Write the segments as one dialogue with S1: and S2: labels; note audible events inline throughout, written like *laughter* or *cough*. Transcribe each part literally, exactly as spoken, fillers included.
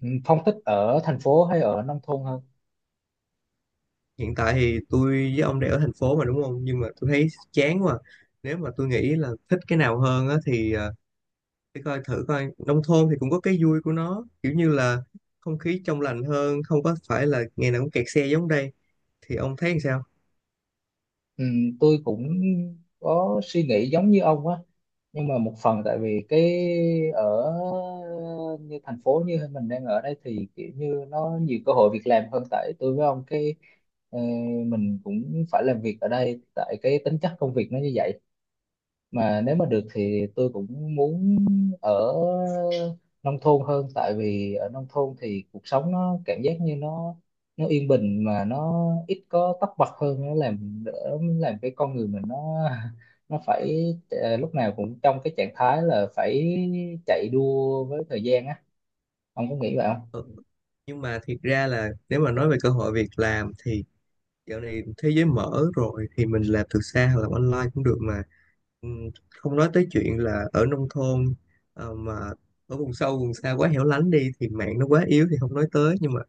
S1: Ừ, Phong thích ở thành phố hay ở nông thôn hơn?
S2: Hiện tại thì tôi với ông đều ở thành phố mà đúng không? Nhưng mà tôi thấy chán quá. à. Nếu mà tôi nghĩ là thích cái nào hơn á thì à, để coi thử coi nông thôn thì cũng có cái vui của nó, kiểu như là không khí trong lành hơn, không có phải là ngày nào cũng kẹt xe giống đây. Thì ông thấy làm sao?
S1: Ừ, tôi cũng có suy nghĩ giống như ông á, nhưng mà một phần tại vì cái ở như thành phố như mình đang ở đây thì kiểu như nó nhiều cơ hội việc làm hơn tại tôi với ông cái ờ, mình cũng phải làm việc ở đây tại cái tính chất công việc nó như vậy, mà nếu mà được thì tôi cũng muốn ở nông thôn hơn, tại vì ở nông thôn thì cuộc sống nó cảm giác như nó nó yên bình, mà nó ít có tấp bật hơn, nó làm đỡ làm cái con người mình nó nó phải ờ, lúc nào cũng trong cái trạng thái là phải chạy đua với thời gian á. Ông có nghĩ vậy không?
S2: Ừ. Nhưng mà thiệt ra là nếu mà nói về cơ hội việc làm thì dạo này thế giới mở rồi thì mình làm từ xa hoặc làm online cũng được mà. Ừm, không nói tới chuyện là ở nông thôn ờ, mà ở vùng sâu vùng xa quá hẻo lánh đi thì mạng nó quá yếu thì không nói tới, nhưng mà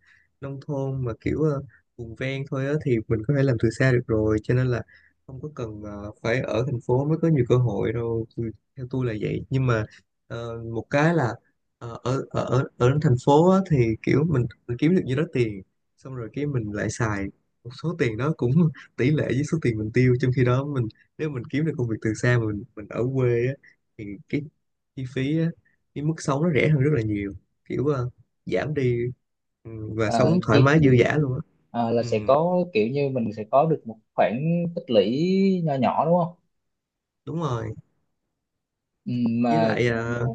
S2: nông thôn mà kiểu ờ, vùng ven thôi á thì mình có thể làm từ xa được rồi, cho nên là không có cần ờ, phải ở thành phố mới có nhiều cơ hội đâu. Tôi- theo tôi là vậy, nhưng mà ờ, một cái là ờ, ở ở ở ở thành phố á, thì kiểu mình mình kiếm được nhiêu đó tiền xong rồi cái mình lại xài một số tiền đó cũng *laughs* tỷ lệ với số tiền mình tiêu, trong khi đó mình nếu mình kiếm được công việc từ xa mà mình mình ở quê á, thì cái chi phí á, cái mức sống nó rẻ hơn rất là nhiều, kiểu ờ, giảm đi, ừ, và
S1: Ờ,
S2: sống thoải
S1: chi
S2: mái dư
S1: tiêu,
S2: dả luôn á.
S1: ờ, là
S2: Ừ,
S1: sẽ có kiểu như mình sẽ có được một khoản tích lũy nho nhỏ, đúng không?
S2: đúng rồi.
S1: Ừ,
S2: Với
S1: mà
S2: lại ờ,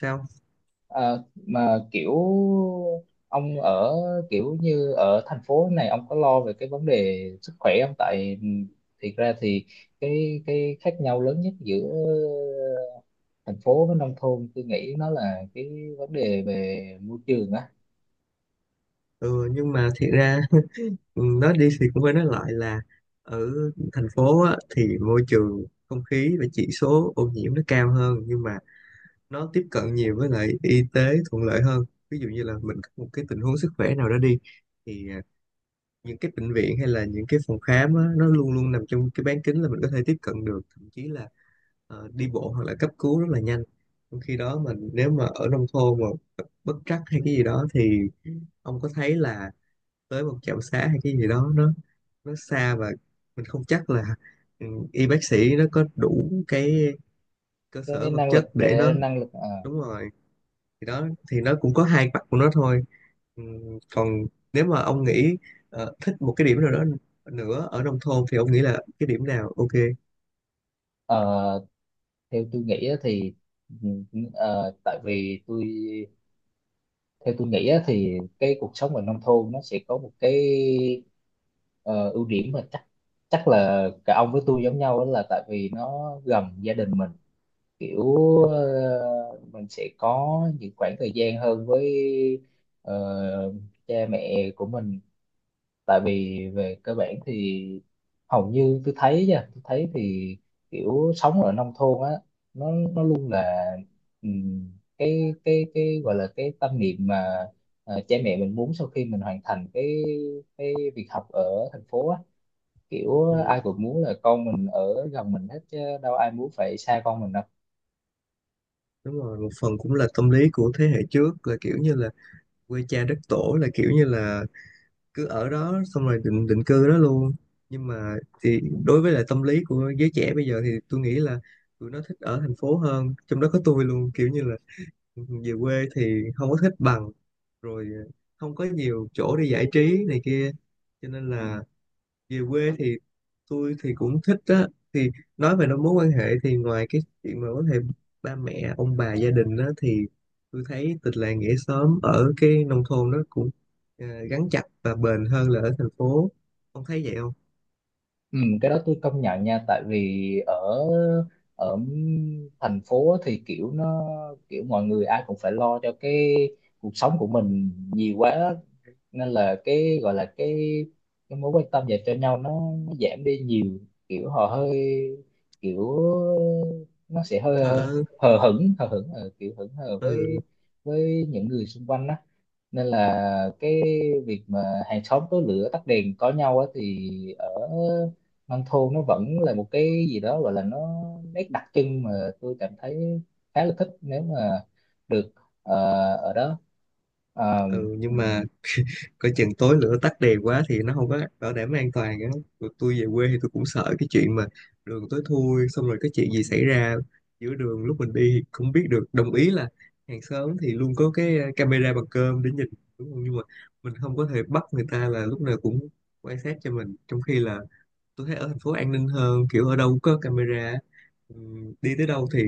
S2: sao?
S1: ờ, mà kiểu ông ở, kiểu như ở thành phố này ông có lo về cái vấn đề sức khỏe không? Tại thiệt ra thì cái cái khác nhau lớn nhất giữa thành phố với nông thôn tôi nghĩ nó là cái vấn đề về môi trường á,
S2: Ừ, nhưng mà thiệt ra *laughs* ừ, nói đi thì cũng phải nói lại là ở thành phố á, thì môi trường không khí và chỉ số ô nhiễm nó cao hơn, nhưng mà nó tiếp cận nhiều với lại y tế thuận lợi hơn. Ví dụ như là mình có một cái tình huống sức khỏe nào đó đi thì à, những cái bệnh viện hay là những cái phòng khám á, nó luôn luôn nằm trong cái bán kính là mình có thể tiếp cận được, thậm chí là ờ, đi bộ hoặc là cấp cứu rất là nhanh. Trong khi đó mình nếu mà ở nông thôn mà gặp bất trắc hay cái gì đó thì ông có thấy là tới một trạm xá hay cái gì đó nó nó xa, và mình không chắc là ừ, y bác sĩ nó có đủ cái cơ
S1: cái
S2: sở vật
S1: năng lực
S2: chất để
S1: để
S2: nó,
S1: năng lực ờ,
S2: đúng rồi. Thì đó, thì nó cũng có hai mặt của nó thôi. Ừm, còn nếu mà ông nghĩ ờ, thích một cái điểm nào đó nữa ở nông thôn thì ông nghĩ là cái điểm nào ok?
S1: ờ, theo tôi nghĩ á thì ừ, ừ, ờ, tại vì tôi theo tôi nghĩ á, thì cái cuộc sống ở nông thôn nó sẽ có một cái ờ, ưu điểm mà chắc chắc là cả ông với tôi giống nhau, đó là tại vì nó gần gia đình mình, kiểu ờ, mình sẽ có những khoảng thời gian hơn với ờ, cha mẹ của mình. Tại vì về cơ bản thì hầu như tôi thấy nha, tôi thấy thì kiểu sống ở nông thôn á, nó nó luôn là ừm, cái cái cái gọi là cái tâm niệm mà ờ, cha mẹ mình muốn, sau khi mình hoàn thành cái cái việc học ở thành phố á, kiểu
S2: Ừ.
S1: ai cũng muốn là con mình ở gần mình hết chứ đâu ai muốn phải xa con mình đâu.
S2: Đúng rồi, một phần cũng là tâm lý của thế hệ trước là kiểu như là quê cha đất tổ, là kiểu như là cứ ở đó xong rồi định định cư đó luôn. Nhưng mà thì đối với lại tâm lý của giới trẻ bây giờ thì tôi nghĩ là tụi nó thích ở thành phố hơn, trong đó có tôi luôn, kiểu như là về quê thì không có thích bằng. Rồi ờ, không có nhiều chỗ để giải trí này kia, cho nên là về quê thì tôi thì cũng thích á. Thì nói về nó mối quan hệ thì ngoài cái chuyện mà có thể ba mẹ ông bà gia đình á thì tôi thấy tình làng nghĩa xóm ở cái nông thôn nó cũng ờ, gắn chặt và bền hơn là ở thành phố. Ông thấy vậy không?
S1: Ừ, cái đó tôi công nhận nha, tại vì ở ở thành phố thì kiểu nó, kiểu mọi người ai cũng phải lo cho cái cuộc sống của mình nhiều quá, nên là cái gọi là cái cái mối quan tâm dành cho nhau nó, nó giảm đi nhiều, kiểu họ hơi, kiểu nó sẽ hơi
S2: Thở,
S1: hờ hững hờ hững ờ, kiểu hững hờ với
S2: ừ,
S1: với những người xung quanh đó. Nên là cái việc mà hàng xóm tối lửa tắt đèn có nhau á, thì ở nông thôn nó vẫn là một cái gì đó gọi là nó nét đặc trưng, mà tôi cảm thấy khá là thích nếu mà được ờ, ở đó. Ờ,
S2: ừ. Nhưng mà coi chừng tối lửa tắt đèn quá thì nó không có bảo đảm an toàn á. Tụi tôi về quê thì tôi cũng sợ cái chuyện mà đường tối thui xong rồi cái chuyện gì xảy ra giữa đường lúc mình đi thì không biết được. Đồng ý là hàng xóm thì luôn có cái ờ, camera bằng cơm để nhìn, đúng không, nhưng mà mình không có thể bắt người ta là lúc nào cũng quan sát cho mình, trong khi là tôi thấy ở thành phố an ninh hơn, kiểu ở đâu cũng có camera. Ừm, đi tới đâu thì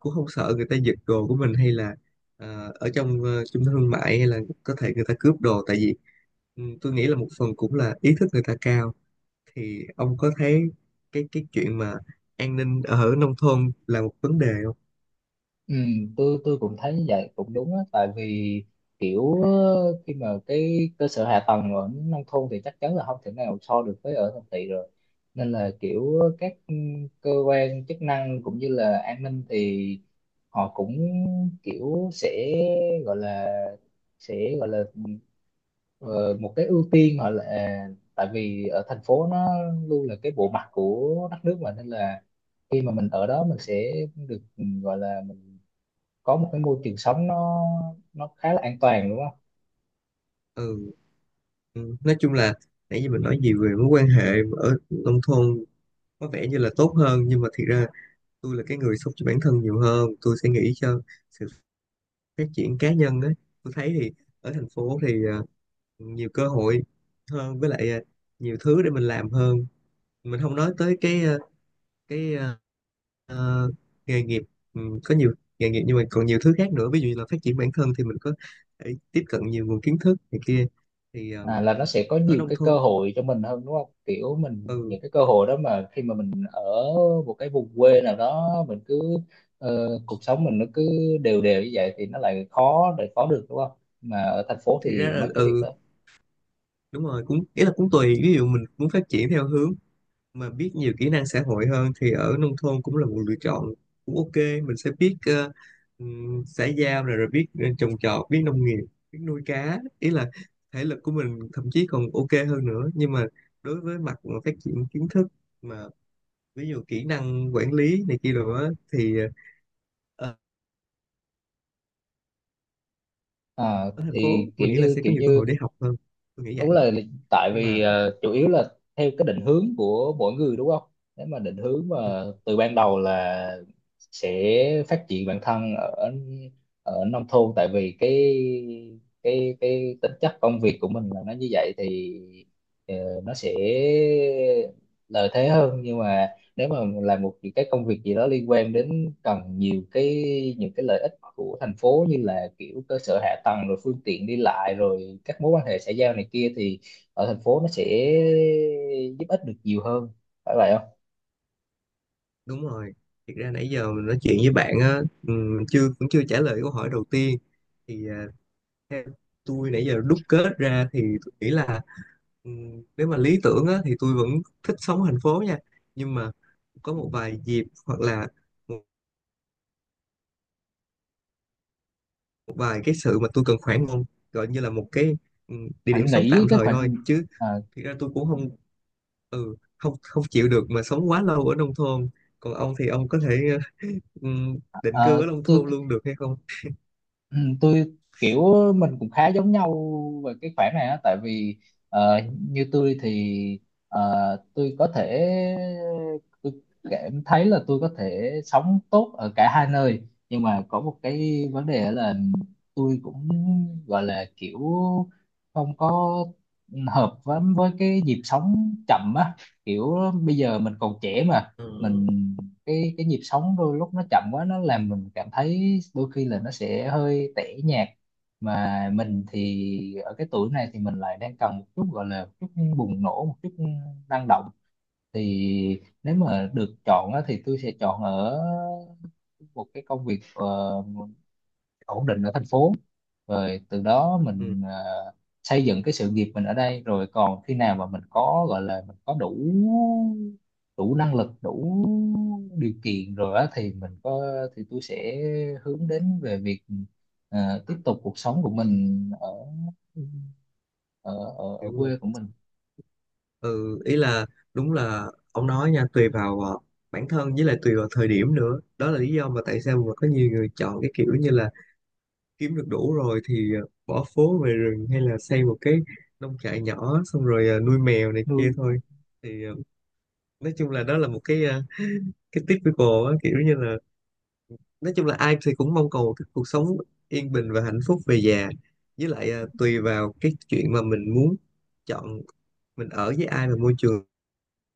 S2: cũng không sợ người ta giật đồ của mình, hay là ờ, ở trong ờ, trung tâm thương mại hay là có thể người ta cướp đồ, tại vì ừm, tôi nghĩ là một phần cũng là ý thức người ta cao. Thì ông có thấy cái cái chuyện mà an ninh ở nông thôn là một vấn đề không?
S1: ừ, tôi tôi cũng thấy như vậy cũng đúng á, tại vì kiểu ờ, khi mà cái cơ sở hạ tầng ở nông thôn thì chắc chắn là không thể nào so được với ở thành thị rồi, nên là kiểu các ừ, cơ quan chức năng cũng như là an ninh thì họ cũng kiểu sẽ gọi là sẽ gọi là ờ, một cái ưu tiên họ, là tại vì ở thành phố nó luôn là cái bộ mặt của đất nước mà, nên là khi mà mình ở đó mình sẽ được ừ, gọi là mình có một cái môi trường sống nó nó khá là an toàn đúng không?
S2: Ừ, ừm, nói chung là nãy giờ mình nói gì về mối quan hệ ở nông thôn có vẻ như là tốt hơn, nhưng mà thiệt ra tôi là cái người sống cho bản thân nhiều hơn, tôi sẽ nghĩ cho sự phát triển cá nhân ấy. Tôi thấy thì ở thành phố thì ờ, nhiều cơ hội hơn, với lại ờ, nhiều thứ để mình làm hơn. Mình không nói tới cái ờ, cái ờ, ờ, nghề nghiệp, ừ, có nhiều nghề nghiệp, nhưng mà còn nhiều thứ khác nữa. Ví dụ như là phát triển bản thân thì mình có thể tiếp cận nhiều nguồn kiến thức này kia. Thì ờ,
S1: À, là nó sẽ có
S2: ở
S1: nhiều
S2: nông
S1: cái cơ
S2: thôn
S1: hội cho mình hơn đúng không, kiểu mình
S2: ừ
S1: những cái cơ hội đó mà khi mà mình ở một cái vùng quê nào đó mình cứ ờ, cuộc sống mình nó cứ đều đều như vậy thì nó lại khó để có được đúng không, mà ở thành phố
S2: thì ra
S1: thì
S2: là
S1: mấy cái việc
S2: ừ
S1: đó
S2: đúng rồi, cũng ý là cũng tùy. Ví dụ mình muốn phát triển theo hướng mà biết nhiều kỹ năng xã hội hơn thì ở nông thôn cũng là một lựa chọn, cũng ok, mình sẽ biết ờ, ừm, xã giao, rồi rồi biết ờ, trồng trọt, biết nông nghiệp, biết nuôi cá, ý là thể lực của mình thậm chí còn ok hơn nữa. Nhưng mà đối với mặt mà phát triển kiến thức mà ví dụ kỹ năng quản lý này kia rồi á thì ờ,
S1: à,
S2: ở thành phố
S1: thì kiểu
S2: mình nghĩ là
S1: như
S2: sẽ
S1: kiểu
S2: có nhiều cơ hội
S1: như
S2: để học hơn. Tôi nghĩ vậy.
S1: đúng là, tại
S2: Nhưng
S1: vì
S2: mà
S1: ờ, chủ yếu là theo cái định hướng của mỗi người đúng không. Nếu mà định hướng mà
S2: ừ,
S1: từ ban đầu là sẽ phát triển bản thân ở ở nông thôn, tại vì cái cái cái tính chất công việc của mình là nó như vậy thì ờ, nó sẽ lợi thế hơn, nhưng mà nếu mà làm một cái công việc gì đó liên quan đến cần nhiều cái, những cái lợi ích của thành phố như là kiểu cơ sở hạ tầng rồi phương tiện đi lại rồi các mối quan hệ xã giao này kia, thì ở thành phố nó sẽ giúp ích được nhiều hơn, phải vậy không?
S2: đúng rồi. Thiệt ra nãy giờ mình nói chuyện với bạn á, ừm, chưa cũng chưa trả lời câu hỏi đầu tiên. Thì à, theo tôi nãy giờ đúc kết ra thì tôi nghĩ là ừm, nếu mà lý tưởng á, thì tôi vẫn thích sống ở thành phố nha. Nhưng mà có một vài dịp hoặc là một một vài cái sự mà tôi cần khoảng không, gọi như là một cái ừm, địa điểm
S1: Anh
S2: sống
S1: nghĩ
S2: tạm
S1: cái
S2: thời thôi
S1: khoản
S2: chứ.
S1: à,
S2: Thực ra tôi cũng không, ừ không, không chịu được mà sống quá lâu ở nông thôn. Còn ông thì ông có thể *laughs* ờ, ừm, định cư
S1: à,
S2: ở nông
S1: tôi
S2: thôn luôn được hay không?
S1: ừ, tôi kiểu mình cũng khá giống nhau về cái khoản này á, tại vì ờ, như tôi thì ờ, tôi có thể, tôi cảm thấy là tôi có thể sống tốt ở cả hai nơi, nhưng mà có một cái vấn đề là tôi cũng gọi là kiểu không có hợp với với cái nhịp sống chậm á, kiểu bây giờ mình còn trẻ mà,
S2: Ừ.
S1: mình cái cái nhịp sống đôi lúc nó chậm quá nó làm mình cảm thấy đôi khi là nó sẽ hơi tẻ nhạt, mà mình thì ở cái tuổi này thì mình lại đang cần một chút, gọi là một chút bùng nổ, một chút năng động. Thì nếu mà được chọn á, thì tôi sẽ chọn ở một cái công việc ờ, ổn định ở thành phố, rồi từ đó
S2: Ừ,
S1: mình ờ, xây dựng cái sự nghiệp mình ở đây, rồi còn khi nào mà mình có, gọi là mình có đủ, đủ năng lực đủ điều kiện rồi á thì mình có thì tôi sẽ hướng đến về việc ờ, tiếp tục cuộc sống của mình ở ở ở, ở
S2: đúng rồi.
S1: quê của mình.
S2: Ừ, ý là đúng là ông nói nha, tùy vào ờ, bản thân, với lại tùy vào thời điểm nữa. Đó là lý do mà tại sao mà có nhiều người chọn cái kiểu như là kiếm được đủ rồi thì ờ, bỏ phố về rừng, hay là xây một cái nông trại nhỏ xong rồi ờ, nuôi mèo này kia
S1: Nuôi
S2: thôi. Thì ờ, nói chung là đó là một cái ờ, cái typical á, kiểu như là nói chung là ai thì cũng mong cầu một cái cuộc sống yên bình và hạnh phúc về già, với lại ờ, tùy vào cái chuyện mà mình muốn chọn mình ở với ai, và môi trường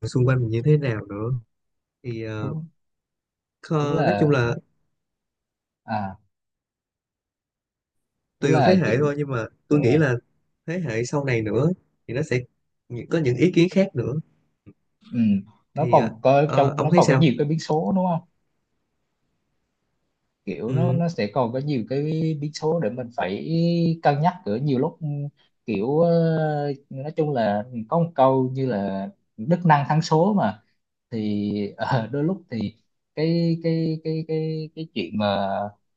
S2: xung quanh mình như thế nào nữa. Thì ờ,
S1: đúng, đúng
S2: kho- nói chung
S1: là
S2: là
S1: à, đúng
S2: tùy vào thế
S1: là kiểu,
S2: hệ thôi, nhưng mà tôi
S1: đúng là
S2: nghĩ là thế hệ sau này nữa thì nó sẽ nhị- có những ý kiến khác nữa.
S1: ừ. Nó
S2: Thì ờ,
S1: còn có
S2: ờ,
S1: trong
S2: ông
S1: nó
S2: thấy
S1: còn có
S2: sao?
S1: nhiều cái biến số đúng không, kiểu nó
S2: Ừ,
S1: nó sẽ còn có nhiều cái biến số để mình phải cân nhắc ở nhiều lúc. Kiểu ờ, nói chung là có một câu như là đức năng thắng số mà, thì *laughs* ờ, đôi lúc thì cái cái cái cái cái chuyện mà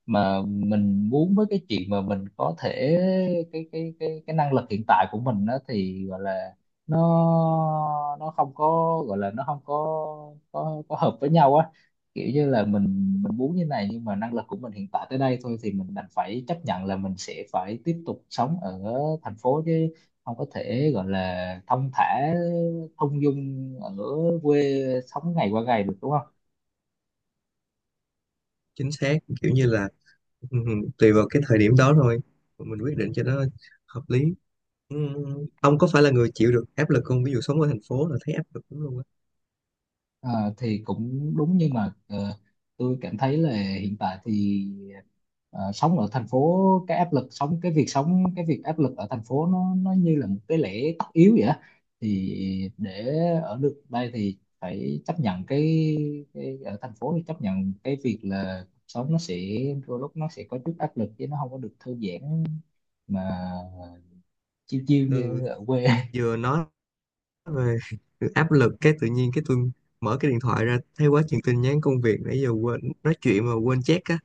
S1: mà mình muốn với cái chuyện mà mình có thể, cái cái cái cái năng lực hiện tại của mình đó, thì gọi là nó nó không có gọi là nó không có có có hợp với nhau á, kiểu như là mình mình muốn như này, nhưng mà năng lực của mình hiện tại tới đây thôi thì mình đành phải chấp nhận là mình sẽ phải tiếp tục sống ở thành phố, chứ không có thể gọi là thong thả thong dong ở quê sống ngày qua ngày được đúng không.
S2: chính xác, kiểu như là ừ, ừ, tùy vào cái thời điểm đó thôi mà mình quyết định cho nó hợp lý. ừ, ông có phải là người chịu được áp lực không? Ví dụ sống ở thành phố là thấy áp lực lắm luôn á.
S1: Ờ, thì cũng đúng nhưng mà ờ, tôi cảm thấy là hiện tại thì ờ, sống ở thành phố, cái áp lực sống, cái việc sống cái việc áp lực ở thành phố nó nó như là một cái lẽ tất yếu vậy á. Thì để ở được đây thì phải chấp nhận cái, cái ở thành phố thì chấp nhận cái việc là cuộc sống nó sẽ đôi lúc nó sẽ có chút áp lực chứ nó không có được thư giãn mà chiêu chiêu
S2: Ừ,
S1: như ở quê.
S2: vừa nói về *laughs* áp lực cái tự nhiên cái tôi mở cái điện thoại ra thấy quá chừng tin nhắn công việc, nãy giờ quên nói chuyện mà quên check á,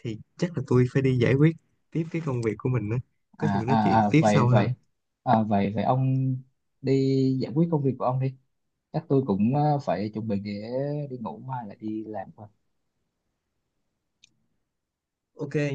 S2: thì chắc là tôi phải đi giải quyết tiếp cái công việc của mình á. Có gì
S1: à,
S2: mình nói
S1: à,
S2: chuyện
S1: à
S2: tiếp
S1: vậy
S2: sau ha.
S1: vậy à, vậy vậy ông đi giải quyết công việc của ông đi, chắc tôi cũng ờ, phải chuẩn bị để đi ngủ mai lại đi làm.
S2: Ok.